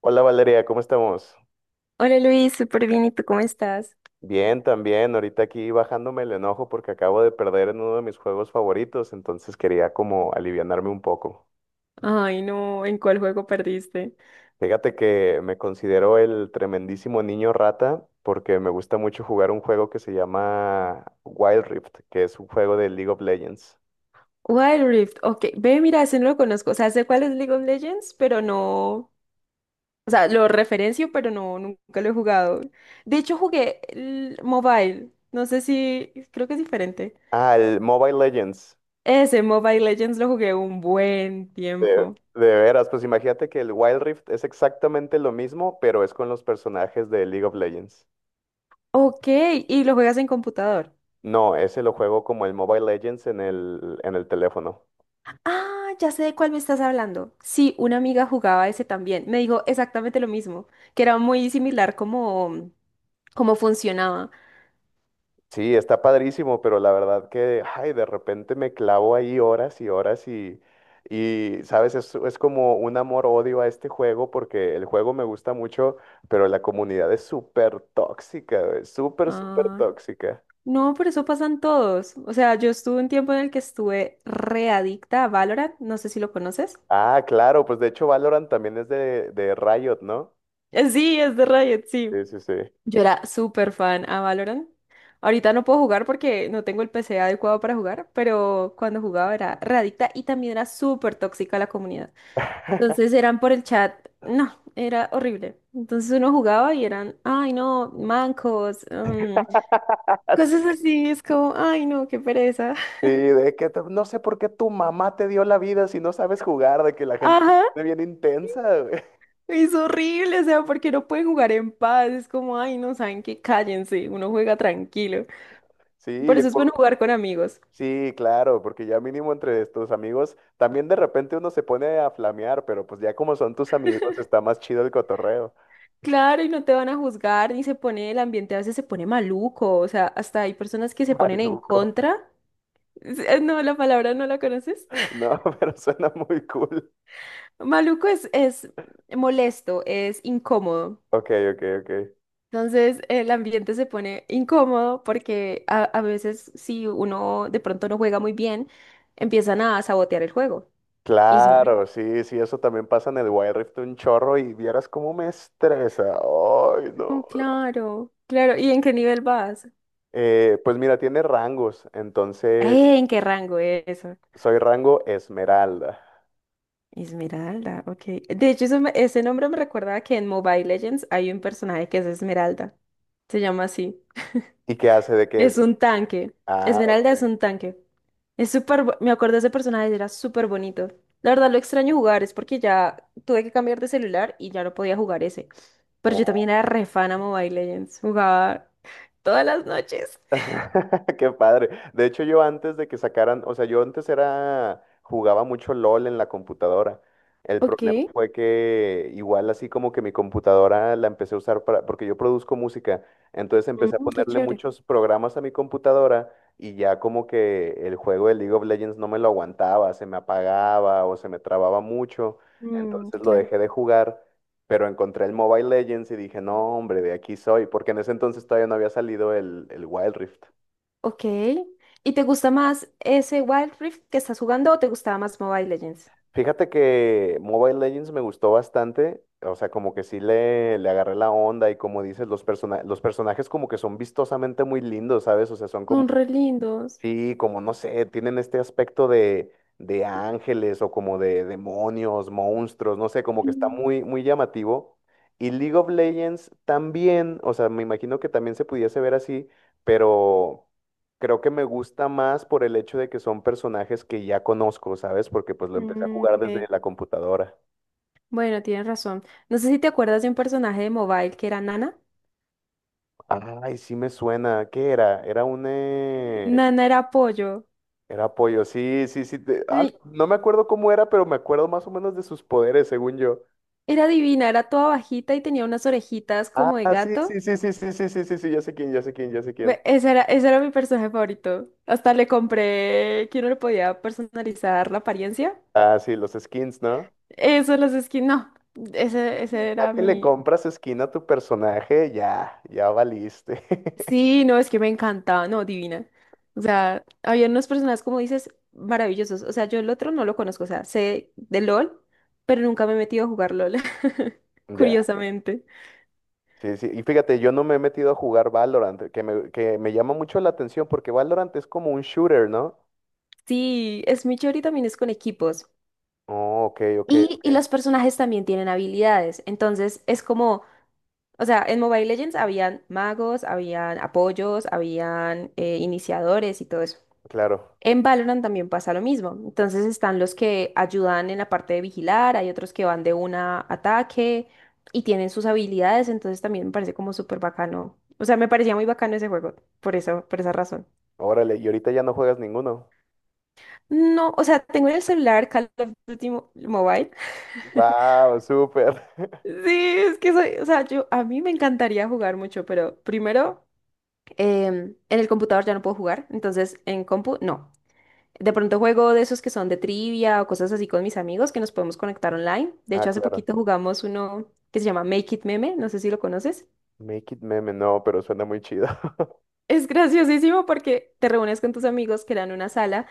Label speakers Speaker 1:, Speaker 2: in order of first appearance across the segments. Speaker 1: Hola Valeria, ¿cómo estamos?
Speaker 2: Hola Luis, súper bien, ¿y tú cómo estás?
Speaker 1: Bien, también. Ahorita aquí bajándome el enojo porque acabo de perder en uno de mis juegos favoritos, entonces quería como alivianarme un poco.
Speaker 2: Ay, no, ¿en cuál juego perdiste?
Speaker 1: Fíjate que me considero el tremendísimo niño rata porque me gusta mucho jugar un juego que se llama Wild Rift, que es un juego de League of Legends.
Speaker 2: Wild Rift, ok, ve, mira, ese no lo conozco, o sea, sé cuál es League of Legends, pero no, o sea, lo referencio, pero no, nunca lo he jugado. De hecho, jugué el mobile, no sé si, creo que es diferente.
Speaker 1: Ah, el Mobile Legends.
Speaker 2: Ese Mobile Legends lo jugué un buen
Speaker 1: De,
Speaker 2: tiempo.
Speaker 1: de veras, pues imagínate que el Wild Rift es exactamente lo mismo, pero es con los personajes de League of Legends.
Speaker 2: Ok, ¿y lo juegas en computador?
Speaker 1: No, ese lo juego como el Mobile Legends en el teléfono.
Speaker 2: Ah, ya sé de cuál me estás hablando. Sí, una amiga jugaba ese también, me dijo exactamente lo mismo, que era muy similar como cómo funcionaba.
Speaker 1: Sí, está padrísimo, pero la verdad que, ay, de repente me clavo ahí horas y horas y sabes, es como un amor-odio a este juego porque el juego me gusta mucho, pero la comunidad es súper tóxica, güey, súper, súper
Speaker 2: Ah,
Speaker 1: tóxica.
Speaker 2: no, por eso pasan todos. O sea, yo estuve un tiempo en el que estuve readicta a Valorant. No sé si lo conoces.
Speaker 1: Ah, claro, pues de hecho Valorant también es de Riot, ¿no?
Speaker 2: Sí, es de Riot, sí.
Speaker 1: Sí, sí, sí.
Speaker 2: Yo era súper fan a Valorant. Ahorita no puedo jugar porque no tengo el PC adecuado para jugar, pero cuando jugaba era readicta y también era súper tóxica la comunidad. Entonces eran por el chat, no, era horrible. Entonces uno jugaba y eran, ay no, mancos. Cosas así, es como, ay no, qué pereza.
Speaker 1: No sé por qué tu mamá te dio la vida si no sabes jugar, de que la gente se
Speaker 2: Ajá,
Speaker 1: pone bien intensa, güey.
Speaker 2: es horrible, o sea, porque no pueden jugar en paz, es como, ay no, saben que cállense, uno juega tranquilo. Por
Speaker 1: Sí,
Speaker 2: eso es bueno
Speaker 1: por-
Speaker 2: jugar con amigos.
Speaker 1: sí, claro, porque ya mínimo entre tus amigos, también de repente uno se pone a flamear, pero pues ya como son tus amigos, está más chido el cotorreo.
Speaker 2: Claro, y no te van a juzgar, ni se pone, el ambiente a veces se pone maluco, o sea, hasta hay personas que se ponen en
Speaker 1: Maluco.
Speaker 2: contra. No, la palabra no la conoces.
Speaker 1: No, pero suena muy cool.
Speaker 2: Maluco es molesto, es incómodo.
Speaker 1: Ok, ok, ok.
Speaker 2: Entonces el ambiente se pone incómodo porque a veces si uno de pronto no juega muy bien, empiezan a sabotear el juego. Y es horrible.
Speaker 1: Claro, sí, sí, eso también pasa en el Wild Rift un chorro y vieras cómo me estresa. Ay,
Speaker 2: No,
Speaker 1: no.
Speaker 2: claro, claro. ¿Y en qué nivel vas?
Speaker 1: Pues mira, tiene rangos, entonces.
Speaker 2: Eh, ¿en qué rango eso?
Speaker 1: Soy rango esmeralda.
Speaker 2: Esmeralda, ok. De hecho, ese nombre me recuerda que en Mobile Legends hay un personaje que es Esmeralda. Se llama así.
Speaker 1: ¿Y qué hace de qué es?
Speaker 2: Es un tanque.
Speaker 1: Ah, ok.
Speaker 2: Esmeralda es un tanque. Es me acuerdo de ese personaje, era súper bonito. La verdad lo extraño jugar, es porque ya tuve que cambiar de celular y ya no podía jugar ese. Pero yo
Speaker 1: Oh.
Speaker 2: también era re fan a Mobile Legends, jugaba todas las noches.
Speaker 1: Qué padre. De hecho, yo antes de que sacaran, o sea, yo antes era, jugaba mucho LOL en la computadora. El
Speaker 2: Ok,
Speaker 1: problema fue que igual así como que mi computadora la empecé a usar para, porque yo produzco música, entonces empecé a
Speaker 2: mm, qué
Speaker 1: ponerle
Speaker 2: chévere.
Speaker 1: muchos programas a mi computadora y ya como que el juego de League of Legends no me lo aguantaba, se me apagaba o se me trababa mucho,
Speaker 2: Mm,
Speaker 1: entonces lo
Speaker 2: claro.
Speaker 1: dejé de jugar. Pero encontré el Mobile Legends y dije, no, hombre, de aquí soy, porque en ese entonces todavía no había salido el Wild Rift.
Speaker 2: Ok. ¿Y te gusta más ese Wild Rift que estás jugando o te gustaba más Mobile Legends?
Speaker 1: Fíjate que Mobile Legends me gustó bastante, o sea, como que sí le agarré la onda y como dices, los personajes como que son vistosamente muy lindos, ¿sabes? O sea, son como
Speaker 2: Son re lindos.
Speaker 1: sí, como no sé, tienen este aspecto de ángeles o como de demonios, monstruos, no sé, como que está
Speaker 2: Mm,
Speaker 1: muy, muy llamativo. Y League of Legends también, o sea, me imagino que también se pudiese ver así, pero creo que me gusta más por el hecho de que son personajes que ya conozco, ¿sabes? Porque pues lo empecé a
Speaker 2: mm,
Speaker 1: jugar desde
Speaker 2: ok.
Speaker 1: la computadora.
Speaker 2: Bueno, tienes razón. No sé si te acuerdas de un personaje de Mobile que era Nana.
Speaker 1: Ay, sí me suena. ¿Qué era? Era un...
Speaker 2: Nana era pollo.
Speaker 1: era pollo, sí, sí, sí. Ah,
Speaker 2: Ay,
Speaker 1: no me acuerdo cómo era, pero me acuerdo más o menos de sus poderes, según yo.
Speaker 2: era divina, era toda bajita y tenía unas orejitas
Speaker 1: Ah,
Speaker 2: como de
Speaker 1: sí, sí,
Speaker 2: gato.
Speaker 1: sí, sí, sí, sí, sí, sí, sí, ya sé quién, ya sé quién, ya sé quién.
Speaker 2: Ve, ese era mi personaje favorito. Hasta le compré que uno le podía personalizar la apariencia.
Speaker 1: Ah, sí, los skins, ¿no?
Speaker 2: Eso, los skins, no. Ese, ese
Speaker 1: Ya
Speaker 2: era
Speaker 1: que le
Speaker 2: mi,
Speaker 1: compras skin a tu personaje, ya, ya valiste.
Speaker 2: Sí, no, es que me encantaba, no, divina. O sea, había unos personajes, como dices, maravillosos. O sea, yo el otro no lo conozco, o sea, sé de LOL, pero nunca me he metido a jugar LOL,
Speaker 1: Ya,
Speaker 2: curiosamente.
Speaker 1: sí, sí. Y fíjate, yo no me he metido a jugar Valorant, que me llama mucho la atención porque Valorant es como un shooter, ¿no?
Speaker 2: Sí, es muy chévere y también es con equipos.
Speaker 1: Oh, ok, ok,
Speaker 2: Y,
Speaker 1: ok.
Speaker 2: y los personajes también tienen habilidades, entonces es como, o sea, en Mobile Legends habían magos, habían apoyos, habían iniciadores y todo eso.
Speaker 1: Claro.
Speaker 2: En Valorant también pasa lo mismo. Entonces están los que ayudan en la parte de vigilar, hay otros que van de una a ataque y tienen sus habilidades, entonces también me parece como súper bacano. O sea, me parecía muy bacano ese juego, por eso, por esa razón.
Speaker 1: Órale, y ahorita ya no juegas ninguno.
Speaker 2: No, o sea, tengo en el celular Call of Duty Mobile.
Speaker 1: Wow, súper.
Speaker 2: Sí, es que soy, o sea, yo a mí me encantaría jugar mucho, pero primero en el computador ya no puedo jugar, entonces en compu no. De pronto juego de esos que son de trivia o cosas así con mis amigos que nos podemos conectar online. De
Speaker 1: Ah,
Speaker 2: hecho, hace
Speaker 1: claro.
Speaker 2: poquito jugamos uno que se llama Make It Meme, no sé si lo conoces.
Speaker 1: Make it meme, no, pero suena muy chido.
Speaker 2: Es graciosísimo porque te reúnes con tus amigos que dan una sala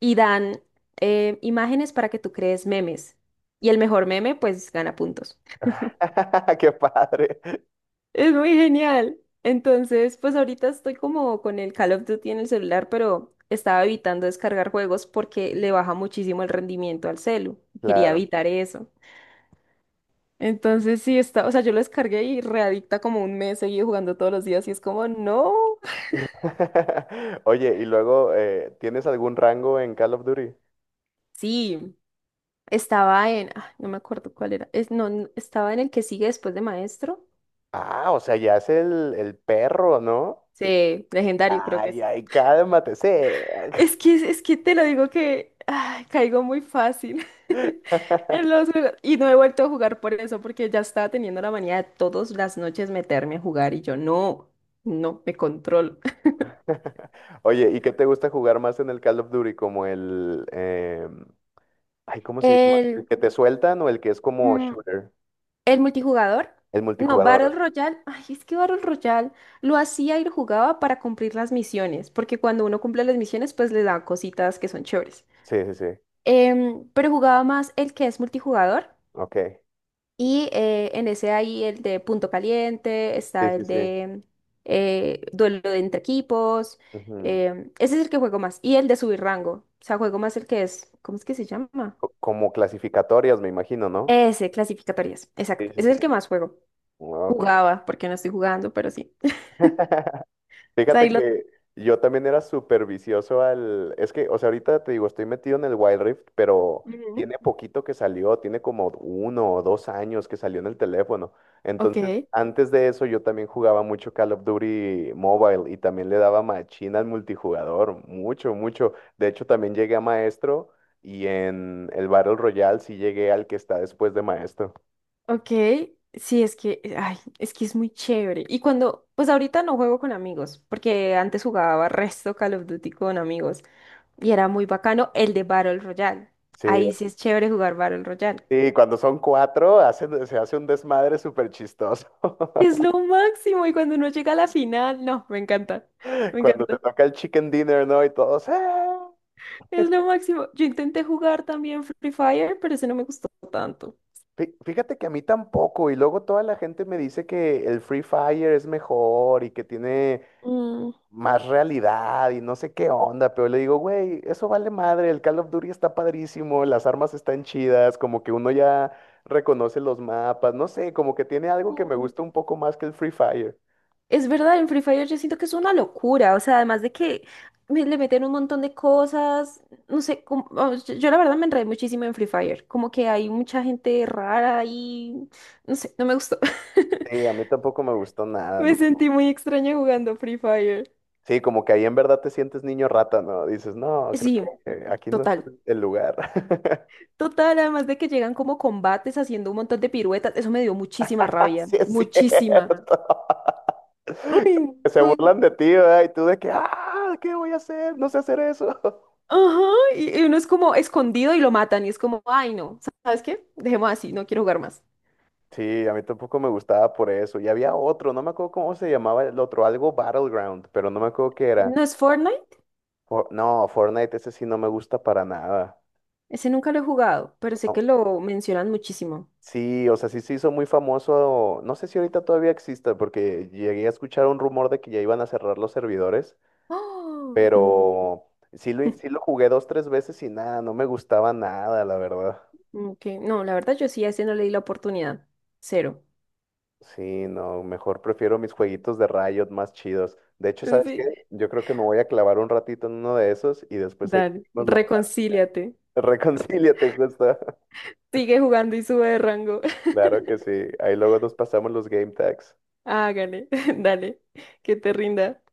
Speaker 2: y dan imágenes para que tú crees memes. Y el mejor meme, pues, gana puntos.
Speaker 1: Qué padre.
Speaker 2: Es muy genial. Entonces, pues ahorita estoy como con el Call of Duty en el celular, pero estaba evitando descargar juegos porque le baja muchísimo el rendimiento al celu. Quería
Speaker 1: Claro.
Speaker 2: evitar eso. Entonces sí está, o sea, yo lo descargué y readicta como un mes seguí jugando todos los días y es como, no.
Speaker 1: Oye, y luego, ¿tienes algún rango en Call of Duty?
Speaker 2: Sí, estaba en, ah, no me acuerdo cuál era, es, no, n- estaba en el que sigue después de Maestro.
Speaker 1: Ah, o sea, ya es el perro, ¿no?
Speaker 2: Sí, legendario creo que
Speaker 1: Ay,
Speaker 2: es.
Speaker 1: ay, cálmate, sí.
Speaker 2: Es que te lo digo que ay, caigo muy fácil en los juegos y no he vuelto a jugar por eso porque ya estaba teniendo la manía de todas las noches meterme a jugar y yo no, no me controlo.
Speaker 1: Oye, ¿y qué te gusta jugar más en el Call of Duty? ¿Como el... ay, ¿cómo se llama?
Speaker 2: El,
Speaker 1: ¿El que te sueltan o el que es como shooter?
Speaker 2: El multijugador,
Speaker 1: El
Speaker 2: no, Battle
Speaker 1: multijugador.
Speaker 2: Royale, ay, es que Battle Royale lo hacía y lo jugaba para cumplir las misiones, porque cuando uno cumple las misiones, pues le dan cositas que son chéveres.
Speaker 1: Sí, sí, sí.
Speaker 2: Pero jugaba más el que es multijugador,
Speaker 1: Ok.
Speaker 2: y en ese hay el de punto caliente,
Speaker 1: Sí,
Speaker 2: está
Speaker 1: sí,
Speaker 2: el
Speaker 1: sí.
Speaker 2: de duelo de entre equipos,
Speaker 1: Ujú.
Speaker 2: ese es el que juego más, y el de subir rango, o sea, juego más el que es, ¿cómo es que se llama?
Speaker 1: Como clasificatorias, me imagino, ¿no?
Speaker 2: Ese, clasificatorias,
Speaker 1: Sí,
Speaker 2: exacto,
Speaker 1: sí,
Speaker 2: ese
Speaker 1: sí.
Speaker 2: es el que más juego.
Speaker 1: Ok.
Speaker 2: Jugaba, porque no estoy jugando, pero sí. O sea, ahí
Speaker 1: Fíjate
Speaker 2: lo...
Speaker 1: que yo también era súper vicioso al... Es que, o sea, ahorita te digo, estoy metido en el Wild Rift, pero
Speaker 2: Ujú.
Speaker 1: tiene poquito que salió, tiene como uno o dos años que salió en el teléfono.
Speaker 2: Ok,
Speaker 1: Entonces, antes de eso yo también jugaba mucho Call of Duty Mobile y también le daba machina al multijugador, mucho, mucho. De hecho, también llegué a maestro y en el Battle Royale sí llegué al que está después de maestro.
Speaker 2: ok. Sí, es que, ay, es que es muy chévere. Y cuando, pues ahorita no juego con amigos, porque antes jugaba resto Call of Duty con amigos y era muy bacano el de Battle Royale.
Speaker 1: Sí,
Speaker 2: Ahí sí es chévere jugar Battle Royale.
Speaker 1: sí, cuando son cuatro, se hace un desmadre súper chistoso.
Speaker 2: Es lo máximo y cuando uno llega a la final, no, me encanta, me
Speaker 1: Cuando te
Speaker 2: encanta.
Speaker 1: toca el chicken dinner, ¿no? Y todos, ¡eh!
Speaker 2: Es lo máximo. Yo intenté jugar también Free Fire, pero ese no me gustó tanto.
Speaker 1: Fíjate que a mí tampoco, y luego toda la gente me dice que el Free Fire es mejor y que tiene
Speaker 2: Mm.
Speaker 1: más realidad y no sé qué onda, pero le digo, güey, eso vale madre, el Call of Duty está padrísimo, las armas están chidas, como que uno ya reconoce los mapas, no sé, como que tiene algo que me gusta un poco más que el Free Fire.
Speaker 2: Es verdad, en Free Fire yo siento que es una locura, o sea, además de que le meten un montón de cosas, no sé, como oh, yo la verdad me enredé muchísimo en Free Fire, como que hay mucha gente rara y no sé, no me gustó.
Speaker 1: Sí, a mí tampoco me gustó nada,
Speaker 2: Me
Speaker 1: ¿no?
Speaker 2: sentí muy extraña jugando Free Fire.
Speaker 1: Sí, como que ahí en verdad te sientes niño rata, ¿no? Dices, no, creo
Speaker 2: Sí,
Speaker 1: que aquí no es
Speaker 2: total,
Speaker 1: el lugar.
Speaker 2: total, además de que llegan como combates haciendo un montón de piruetas, eso me dio muchísima rabia,
Speaker 1: Sí, es
Speaker 2: muchísima.
Speaker 1: cierto.
Speaker 2: Uy,
Speaker 1: Que se
Speaker 2: no.
Speaker 1: burlan de ti, ¿verdad? Y tú de que, ah, ¿qué voy a hacer? No sé hacer eso.
Speaker 2: Ajá, y uno es como escondido y lo matan y es como, ay no, ¿sabes qué? Dejemos así, no quiero jugar más.
Speaker 1: Sí, a mí tampoco me gustaba por eso. Y había otro, no me acuerdo cómo se llamaba el otro, algo Battleground, pero no me acuerdo qué era.
Speaker 2: ¿No es Fortnite?
Speaker 1: Fortnite, ese sí no me gusta para nada.
Speaker 2: Ese nunca lo he jugado, pero sé que
Speaker 1: Au-
Speaker 2: lo mencionan muchísimo.
Speaker 1: Sí, o sea, sí se hizo muy famoso. No sé si ahorita todavía exista, porque llegué a escuchar un rumor de que ya iban a cerrar los servidores,
Speaker 2: ¡Ah! Uy,
Speaker 1: pero sí sí lo jugué dos, tres veces y nada, no me gustaba nada, la verdad.
Speaker 2: mm, ok. No, la verdad yo sí a ese no le di la oportunidad. Cero.
Speaker 1: Sí, no, mejor prefiero mis jueguitos de Riot más chidos. De hecho, ¿sabes
Speaker 2: Sí,
Speaker 1: qué? Yo creo que me voy a clavar un ratito en uno de esos y después ahí
Speaker 2: dale,
Speaker 1: nos la...
Speaker 2: reconcíliate.
Speaker 1: Reconcíliate, justo.
Speaker 2: Sigue jugando y sube de rango.
Speaker 1: Claro que sí. Ahí luego nos pasamos los game tags.
Speaker 2: Hágale, dale, que te rinda.